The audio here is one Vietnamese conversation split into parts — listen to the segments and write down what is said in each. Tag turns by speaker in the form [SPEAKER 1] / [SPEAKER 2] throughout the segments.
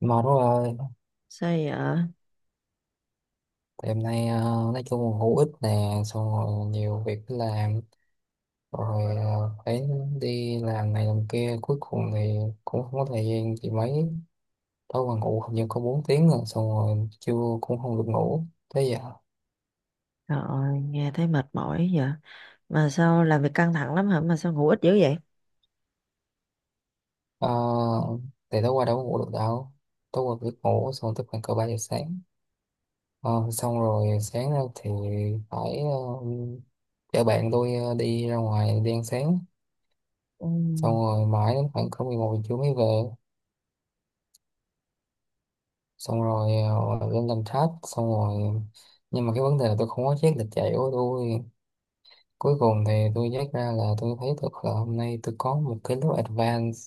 [SPEAKER 1] Mệt quá rồi.
[SPEAKER 2] Sao vậy ạ?
[SPEAKER 1] Đêm nay nói chung là hữu ích nè, xong rồi nhiều việc phải làm rồi, phải đi làm này làm kia, cuối cùng thì cũng không có thời gian thì mấy. Tối qua ngủ hình như có 4 tiếng, rồi xong rồi trưa cũng không được ngủ. Thế giờ
[SPEAKER 2] Trời ơi, nghe thấy mệt mỏi vậy. Mà sao làm việc căng thẳng lắm hả? Mà sao ngủ ít dữ vậy?
[SPEAKER 1] ờ, thì tối qua đâu có ngủ được đâu, tối qua biết ngủ xong tới khoảng cỡ 3 giờ sáng. Ờ, xong rồi sáng ra thì phải chở bạn tôi đi ra ngoài đi ăn sáng,
[SPEAKER 2] Ừ.
[SPEAKER 1] xong rồi mãi đến khoảng cỡ 11 giờ trưa mới về. Xong rồi lên làm thách, xong rồi nhưng mà cái vấn đề là tôi không có check lịch chạy của tôi. Cuối cùng thì tôi check ra, là tôi thấy được là hôm nay tôi có một cái lớp advance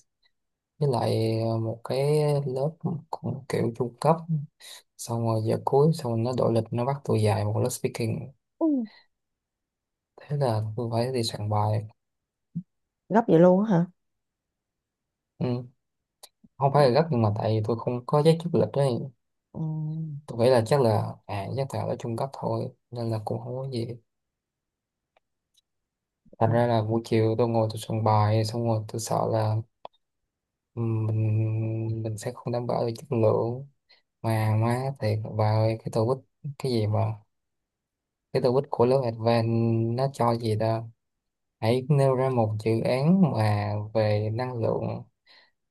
[SPEAKER 1] với lại một cái lớp cũng kiểu trung cấp. Xong rồi giờ cuối xong rồi nó đổi lịch, nó bắt tôi dạy một lớp speaking,
[SPEAKER 2] Ừ.
[SPEAKER 1] thế là tôi phải đi soạn bài.
[SPEAKER 2] Gấp vậy luôn á hả?
[SPEAKER 1] Ừ. Không
[SPEAKER 2] Ừ.
[SPEAKER 1] phải là gấp nhưng mà tại vì tôi không có check trước lịch đấy.
[SPEAKER 2] Ừ.
[SPEAKER 1] Tôi nghĩ là chắc là chắc là ở trung cấp thôi nên là cũng không có gì. Thành ra là buổi chiều tôi ngồi tôi soạn bài, xong rồi tôi sợ là mình sẽ không đảm bảo được chất lượng. Mà má thiệt bà ơi, cái tô bích cái gì mà cái tô bích của lớp Advanced, nó cho gì đó, hãy nêu ra một dự án mà về năng lượng,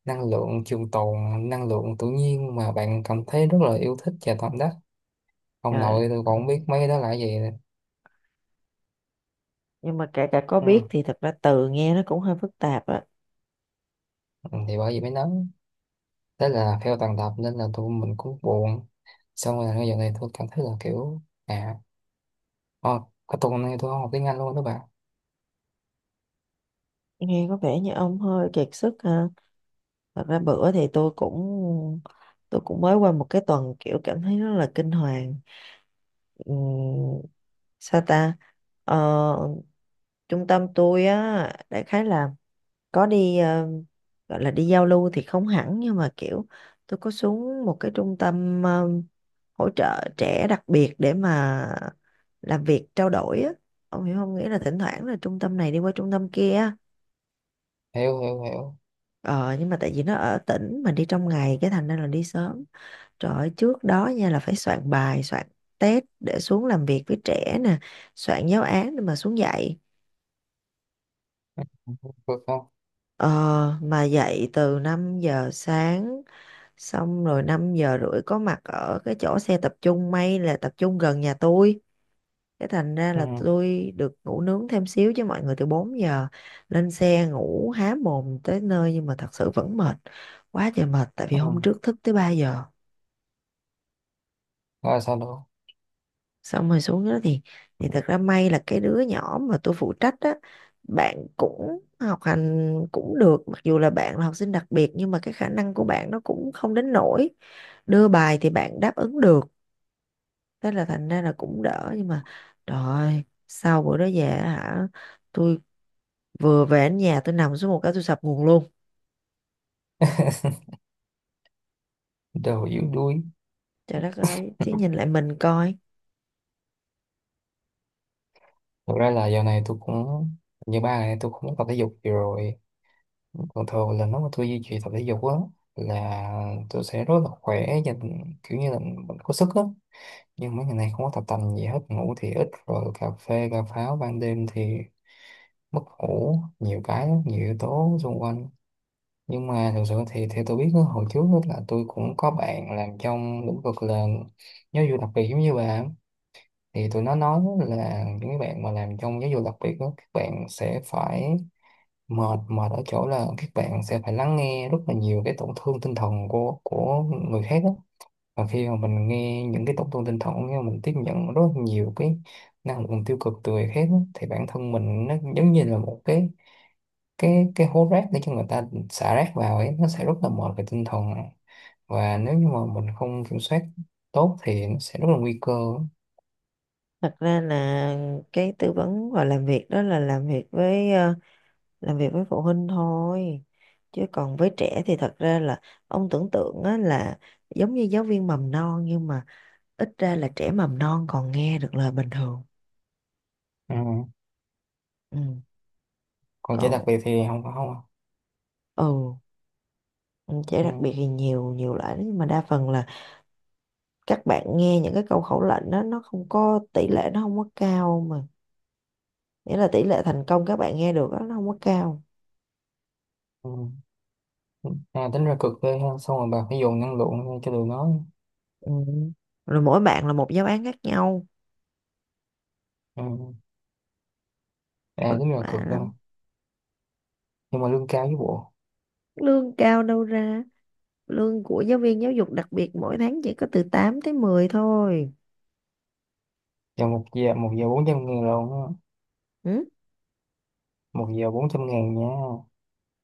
[SPEAKER 1] năng lượng trường tồn, năng lượng tự nhiên mà bạn cảm thấy rất là yêu thích và tâm đắc. Ông
[SPEAKER 2] Trời,
[SPEAKER 1] nội tôi
[SPEAKER 2] ờ.
[SPEAKER 1] còn không biết mấy cái đó là cái gì nữa.
[SPEAKER 2] Nhưng mà kể cả có biết
[SPEAKER 1] Ừ.
[SPEAKER 2] thì thật ra từ nghe nó cũng hơi phức tạp á.
[SPEAKER 1] Thì bởi vì mới nói, thế là theo tầng tập nên là tụi mình cũng buồn. Xong rồi bây giờ này tôi cảm thấy là kiểu à, oh, cái tuần này tôi không học tiếng Anh luôn đó bạn.
[SPEAKER 2] Nghe có vẻ như ông hơi kiệt sức ha. Thật ra bữa thì tôi cũng mới qua một cái tuần kiểu cảm thấy rất là kinh hoàng. Ừ. Sao ta? Ờ, trung tâm tôi á, đại khái là có đi gọi là đi giao lưu thì không hẳn, nhưng mà kiểu tôi có xuống một cái trung tâm hỗ trợ trẻ đặc biệt để mà làm việc trao đổi á. Ông hiểu không, nghĩa là thỉnh thoảng là trung tâm này đi qua trung tâm kia.
[SPEAKER 1] Hiểu, hiểu, hiểu.
[SPEAKER 2] Ờ nhưng mà tại vì nó ở tỉnh mà đi trong ngày, cái thành ra là đi sớm. Trời ơi, trước đó nha là phải soạn bài, soạn test để xuống làm việc với trẻ nè, soạn giáo án để mà xuống dạy.
[SPEAKER 1] Được không?
[SPEAKER 2] Ờ, mà dạy từ 5 giờ sáng. Xong rồi 5 giờ rưỡi có mặt ở cái chỗ xe tập trung, may là tập trung gần nhà tôi. Cái thành ra là
[SPEAKER 1] Ừ,
[SPEAKER 2] tôi được ngủ nướng thêm xíu, chứ mọi người từ 4 giờ lên xe ngủ há mồm tới nơi, nhưng mà thật sự vẫn mệt. Quá trời mệt tại vì
[SPEAKER 1] ừ.
[SPEAKER 2] hôm trước thức tới 3 giờ.
[SPEAKER 1] Rồi sao đó?
[SPEAKER 2] Xong rồi xuống đó thì thật ra may là cái đứa nhỏ mà tôi phụ trách á, bạn cũng học hành cũng được, mặc dù là bạn là học sinh đặc biệt nhưng mà cái khả năng của bạn nó cũng không đến nỗi, đưa bài thì bạn đáp ứng được, thế là thành ra là cũng đỡ. Nhưng mà trời ơi, sau bữa đó về á hả, tôi vừa về đến nhà tôi nằm xuống một cái tôi sập nguồn luôn.
[SPEAKER 1] Đầu yếu đuối.
[SPEAKER 2] Trời đất ơi, chứ nhìn lại mình coi.
[SPEAKER 1] Thực ra là giờ này tôi cũng như 3 ngày nay, tôi cũng muốn tập thể dục nhiều rồi. Còn thường là nếu mà tôi duy trì tập thể dục á, là tôi sẽ rất là khỏe và kiểu như là mình có sức á. Nhưng mấy ngày nay không có tập tành gì hết, ngủ thì ít, rồi cà phê cà pháo ban đêm thì mất ngủ nhiều cái lắm, nhiều yếu tố xung quanh. Nhưng mà thực sự thì theo tôi biết á, hồi trước á là tôi cũng có bạn làm trong lĩnh vực là giáo dục đặc biệt giống như bà á. Thì tụi nó nói là những cái bạn mà làm trong giáo dục đặc biệt đó, các bạn sẽ phải mệt, mệt ở chỗ là các bạn sẽ phải lắng nghe rất là nhiều cái tổn thương tinh thần của người khác á. Và khi mà mình nghe những cái tốt thông tin thật, nhưng mà mình tiếp nhận rất nhiều cái năng lượng tiêu cực từ người khác á, thì bản thân mình nó giống như là một cái hố rác để cho người ta xả rác vào ấy, nó sẽ rất là mệt về tinh thần. Và nếu như mà mình không kiểm soát tốt thì nó sẽ rất là nguy cơ.
[SPEAKER 2] Thật ra là cái tư vấn và làm việc đó là làm việc với làm việc với phụ huynh thôi, chứ còn với trẻ thì thật ra là ông tưởng tượng á, là giống như giáo viên mầm non nhưng mà ít ra là trẻ mầm non còn nghe được lời bình thường.
[SPEAKER 1] Ừ.
[SPEAKER 2] Ừ.
[SPEAKER 1] Còn trẻ đặc
[SPEAKER 2] Còn
[SPEAKER 1] biệt thì không có không.
[SPEAKER 2] ừ trẻ đặc
[SPEAKER 1] Ừ.
[SPEAKER 2] biệt thì nhiều nhiều loại lắm, nhưng mà đa phần là các bạn nghe những cái câu khẩu lệnh đó nó không có tỷ lệ, nó không có cao mà, nghĩa là tỷ lệ thành công các bạn nghe được đó, nó không có cao.
[SPEAKER 1] Ừ. À, tính ra cực ghê ha, xong rồi bà phải dồn năng lượng ra cho tụi nó.
[SPEAKER 2] Ừ. Rồi mỗi bạn là một giáo án khác nhau.
[SPEAKER 1] Ừ. À
[SPEAKER 2] Vất
[SPEAKER 1] tính ra cực
[SPEAKER 2] vả
[SPEAKER 1] ha.
[SPEAKER 2] lắm.
[SPEAKER 1] Nhưng mà lương cao với bộ.
[SPEAKER 2] Lương cao đâu ra, lương của giáo viên giáo dục đặc biệt mỗi tháng chỉ có từ 8 tới mười thôi.
[SPEAKER 1] Giờ một giờ, một giờ 400 ngàn rồi.
[SPEAKER 2] Ừ?
[SPEAKER 1] Một giờ bốn trăm ngàn nha.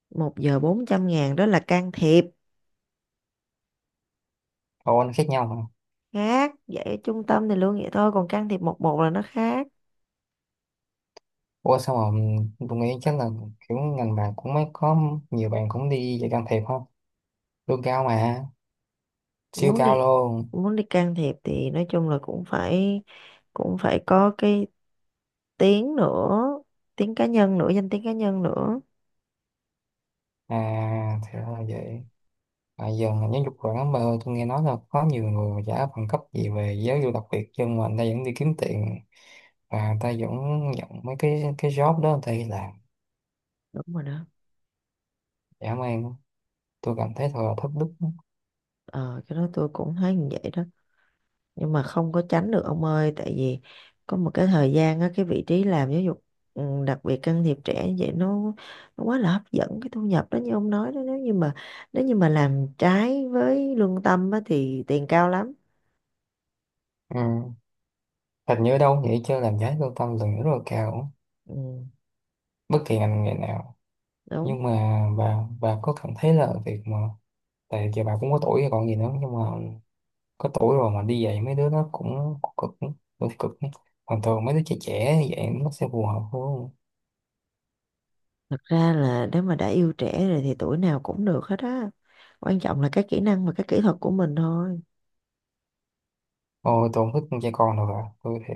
[SPEAKER 2] 1 giờ 400.000 đó là can thiệp.
[SPEAKER 1] Ồ anh khác nhau mà.
[SPEAKER 2] Khác vậy, ở trung tâm thì lương vậy thôi, còn can thiệp một một là nó khác.
[SPEAKER 1] Ủa sao mà tôi nghĩ chắc là kiểu ngành bạn cũng mới có nhiều bạn cũng đi dạy can thiệp không, lương cao mà, siêu
[SPEAKER 2] muốn
[SPEAKER 1] cao
[SPEAKER 2] đi
[SPEAKER 1] luôn.
[SPEAKER 2] muốn đi can thiệp thì nói chung là cũng phải có cái tiếng nữa, tiếng cá nhân nữa, danh tiếng cá nhân nữa.
[SPEAKER 1] À thì ra là vậy. À, giờ ngành giáo dục quản mà, tôi nghe nói là có nhiều người mà trả bằng cấp gì về giáo dục đặc biệt, nhưng mà người ta vẫn đi kiếm tiền và người ta vẫn nhận mấy cái job đó, người ta đi làm.
[SPEAKER 2] Đúng rồi đó.
[SPEAKER 1] Dã man. Tôi cảm thấy thật là thất đức.
[SPEAKER 2] Ờ cái đó tôi cũng thấy như vậy đó, nhưng mà không có tránh được ông ơi, tại vì có một cái thời gian á, cái vị trí làm giáo dục đặc biệt can thiệp trẻ như vậy nó quá là hấp dẫn cái thu nhập đó như ông nói đó, nếu như mà làm trái với lương tâm á, thì tiền cao lắm.
[SPEAKER 1] Ừ. Hình như ở đâu vậy chứ làm giá lương tâm là rất là cao,
[SPEAKER 2] Ừ,
[SPEAKER 1] bất kỳ ngành nghề nào.
[SPEAKER 2] đúng.
[SPEAKER 1] Nhưng mà bà có cảm thấy là việc mà tại giờ bà cũng có tuổi rồi còn gì nữa, nhưng mà có tuổi rồi mà đi dạy mấy đứa nó cũng cực, cũng cực ấy. Còn thường mấy đứa trẻ, trẻ như vậy nó sẽ phù hợp hơn.
[SPEAKER 2] Thật ra là nếu mà đã yêu trẻ rồi thì tuổi nào cũng được hết á, quan trọng là cái kỹ năng và cái kỹ thuật của mình thôi.
[SPEAKER 1] Ôi tôi không thích con đâu bà, tôi thế.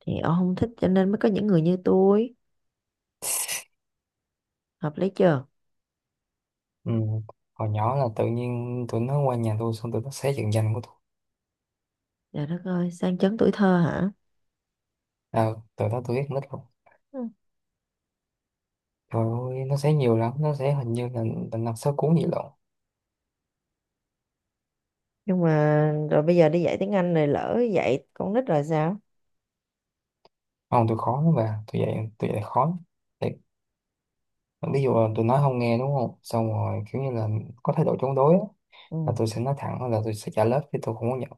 [SPEAKER 2] Thì ông không thích cho nên mới có những người như tôi, hợp lý chưa.
[SPEAKER 1] Ừ. Hồi nhỏ là tự nhiên tụi nó qua nhà tôi xong tụi nó xé trận danh của tôi.
[SPEAKER 2] Trời đất ơi, sang chấn tuổi thơ hả.
[SPEAKER 1] À, từ đó tôi biết nít rồi.
[SPEAKER 2] Ừ.
[SPEAKER 1] Trời ơi nó xé nhiều lắm, nó xé hình như là 5 6 cuốn gì lận.
[SPEAKER 2] Nhưng mà rồi bây giờ đi dạy tiếng Anh này lỡ dạy con nít rồi sao.
[SPEAKER 1] Không, tôi khó lắm bà, tôi dạy khó. Ví dụ là tôi nói không nghe, đúng không, xong rồi kiểu như là có thái độ chống đối á,
[SPEAKER 2] Ừ.
[SPEAKER 1] là tôi sẽ nói thẳng là tôi sẽ trả lớp chứ tôi không có nhận.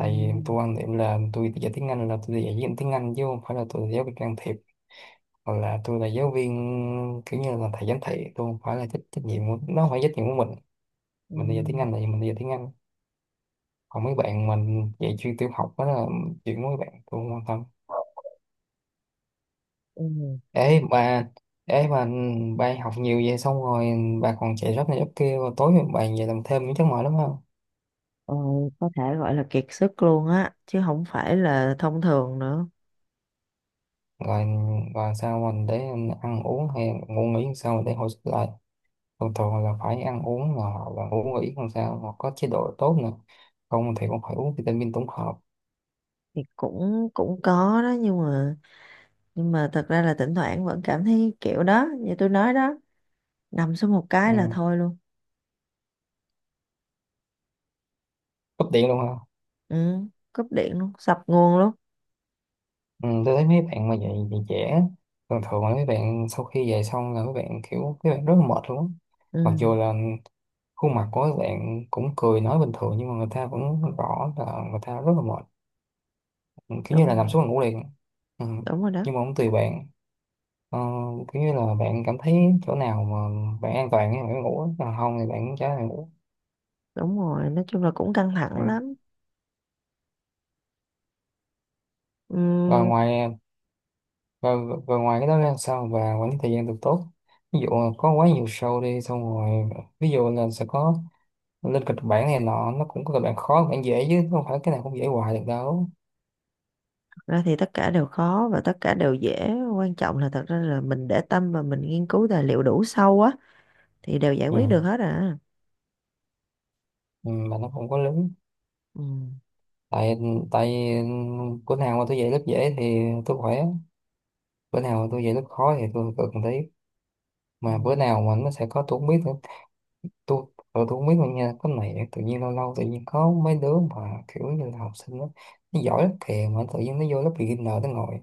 [SPEAKER 2] Ừ.
[SPEAKER 1] vì tôi quan điểm là tôi dạy tiếng Anh là tôi dạy giáo viên tiếng Anh, chứ không phải là tôi là giáo viên can thiệp, hoặc là tôi là giáo viên kiểu như là thầy giám thị. Tôi không phải là trách nhiệm của nó không phải trách nhiệm của mình.
[SPEAKER 2] Ừ.
[SPEAKER 1] Mình đi dạy tiếng Anh là mình đi dạy tiếng Anh, còn mấy bạn mình dạy chuyên tiểu học đó là chuyện của mấy bạn, tôi không quan tâm.
[SPEAKER 2] Ừ.
[SPEAKER 1] Ê bà, ê bà học nhiều vậy xong rồi bà còn chạy job này job kia, rồi tối bà về làm thêm những chắc mỏi lắm ha.
[SPEAKER 2] Ờ, có thể gọi là kiệt sức luôn á, chứ không phải là thông thường nữa.
[SPEAKER 1] Rồi và sao mình để ăn uống hay ngủ nghỉ, làm sao mình để hồi sức lại. Thường thường là phải ăn uống là hoặc là ngủ nghỉ làm sao mà có chế độ tốt nữa, không thì cũng phải uống vitamin tổng hợp.
[SPEAKER 2] Thì cũng cũng có đó, nhưng mà thật ra là thỉnh thoảng vẫn cảm thấy kiểu đó như tôi nói đó, nằm xuống một cái là
[SPEAKER 1] Ừ.
[SPEAKER 2] thôi luôn.
[SPEAKER 1] Cấp điện luôn ha.
[SPEAKER 2] Ừ. Cúp điện luôn, sập nguồn luôn.
[SPEAKER 1] Ừ, tôi thấy mấy bạn mà dậy dậy trễ, thường thường là mấy bạn sau khi dậy xong là mấy bạn kiểu mấy bạn rất là mệt luôn á. Mặc
[SPEAKER 2] Ừ,
[SPEAKER 1] dù là khuôn mặt của các bạn cũng cười nói bình thường, nhưng mà người ta vẫn rõ là người ta rất là mệt, kiểu như là
[SPEAKER 2] đúng
[SPEAKER 1] nằm
[SPEAKER 2] rồi.
[SPEAKER 1] xuống là ngủ liền. Ừ.
[SPEAKER 2] Đúng rồi đó.
[SPEAKER 1] Nhưng mà cũng tùy bạn. Ờ, kiểu như là bạn cảm thấy chỗ nào mà bạn an toàn thì bạn ngủ, còn không thì bạn chả là ngủ.
[SPEAKER 2] Đúng rồi, nói chung là cũng căng thẳng
[SPEAKER 1] Ừ.
[SPEAKER 2] lắm.
[SPEAKER 1] rồi
[SPEAKER 2] Ừm.
[SPEAKER 1] ngoài Rồi, ngoài cái đó ra sao và quản lý thời gian được tốt. Ví dụ là có quá nhiều show đi, xong rồi ví dụ là sẽ có lên kịch bản này nọ, nó cũng có kịch bản khó kịch bản dễ chứ không phải cái nào cũng dễ hoài được đâu.
[SPEAKER 2] Thật ra thì tất cả đều khó và tất cả đều dễ, quan trọng là thật ra là mình để tâm và mình nghiên cứu tài liệu đủ sâu á, thì đều giải quyết được
[SPEAKER 1] Ừ.
[SPEAKER 2] hết à.
[SPEAKER 1] Ừ, mà nó không có lớn.
[SPEAKER 2] Ừm.
[SPEAKER 1] Tại tại bữa nào mà tôi dạy lớp dễ thì tôi khỏe, bữa nào mà tôi dạy lớp khó thì tôi cực một tí, mà bữa
[SPEAKER 2] Ừm.
[SPEAKER 1] nào mà nó sẽ có tôi không biết. Tôi tôi tôi không biết mà nha, cái này tự nhiên lâu lâu tự nhiên có mấy đứa mà kiểu như là học sinh đó, nó giỏi lắm kìa mà tự nhiên nó vô lớp beginner nó ngồi,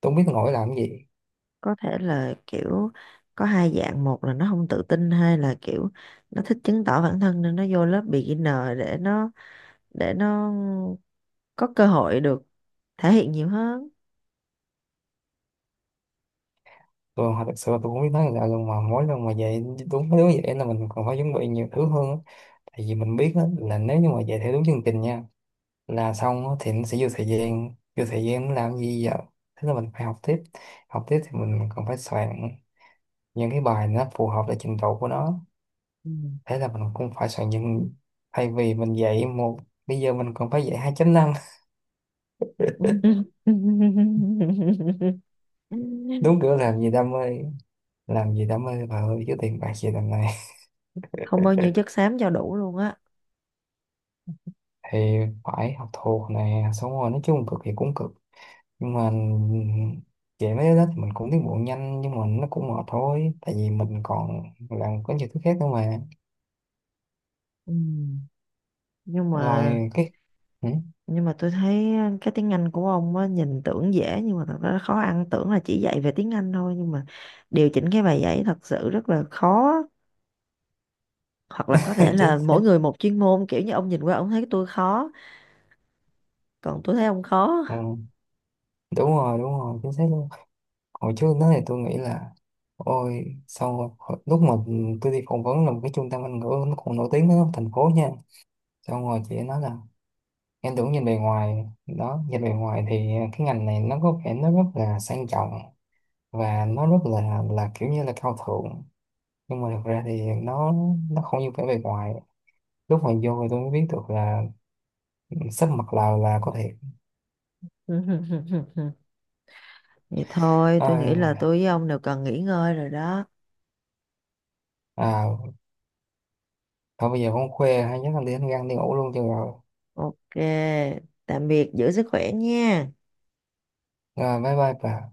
[SPEAKER 1] tôi không biết nó ngồi làm cái gì.
[SPEAKER 2] Có thể là kiểu có hai dạng, một là nó không tự tin, hai là kiểu nó thích chứng tỏ bản thân nên nó vô lớp beginner để nó có cơ hội được thể hiện nhiều hơn.
[SPEAKER 1] Tôi thật sự là tôi không biết nói là luôn mà mỗi lần mà vậy, đúng mấy đứa vậy là mình còn phải chuẩn bị nhiều thứ hơn á. Tại vì mình biết đó, là nếu như mà vậy theo đúng chương trình nha, là xong á thì nó sẽ vô thời gian, vô thời gian nó làm gì giờ. Thế là mình phải học tiếp, học tiếp thì mình còn phải soạn những cái bài nó phù hợp với trình độ của nó.
[SPEAKER 2] Ừm.
[SPEAKER 1] Thế là mình cũng phải soạn những, thay vì mình dạy một, bây giờ mình còn phải dạy 2.5. Đúng kiểu làm gì đam mê, làm gì đam mê bà ơi chứ tiền bạc gì đằng này.
[SPEAKER 2] Không bao nhiêu chất xám cho đủ luôn á.
[SPEAKER 1] Thì phải học thuộc nè, xong rồi nói chung cực thì cũng cực, nhưng mà dạy mấy cái đó thì mình cũng tiến bộ nhanh, nhưng mà nó cũng mệt thôi tại vì mình còn làm có nhiều thứ khác nữa mà.
[SPEAKER 2] Ừ. nhưng mà
[SPEAKER 1] Rồi cái ừ,
[SPEAKER 2] nhưng mà tôi thấy cái tiếng Anh của ông á nhìn tưởng dễ nhưng mà thật ra khó ăn, tưởng là chỉ dạy về tiếng Anh thôi nhưng mà điều chỉnh cái bài giảng thật sự rất là khó. Hoặc là có thể
[SPEAKER 1] chính
[SPEAKER 2] là
[SPEAKER 1] xác.
[SPEAKER 2] mỗi người một chuyên môn, kiểu như ông nhìn qua ông thấy tôi khó, còn tôi thấy ông khó.
[SPEAKER 1] Ừ, đúng rồi đúng rồi, chính xác luôn. Hồi trước đó thì tôi nghĩ là ôi xong rồi lúc mà tôi đi phỏng vấn là một cái trung tâm Anh ngữ nó còn nổi tiếng ở thành phố nha, xong rồi chị ấy nói là em tưởng nhìn bề ngoài đó, nhìn bề ngoài thì cái ngành này nó có vẻ nó rất là sang trọng và nó rất là kiểu như là cao thượng, nhưng mà thực ra thì nó không như vẻ bề ngoài. Lúc mà vô thì tôi mới biết được là sắp mặt là có thiệt.
[SPEAKER 2] Vậy thôi tôi nghĩ là
[SPEAKER 1] à,
[SPEAKER 2] tôi với ông đều cần nghỉ ngơi rồi đó.
[SPEAKER 1] à Thôi bây giờ không khoe hay nhất là đi ăn gan đi ngủ luôn cho rồi.
[SPEAKER 2] OK, tạm biệt, giữ sức khỏe nha.
[SPEAKER 1] Rồi bye bye bà.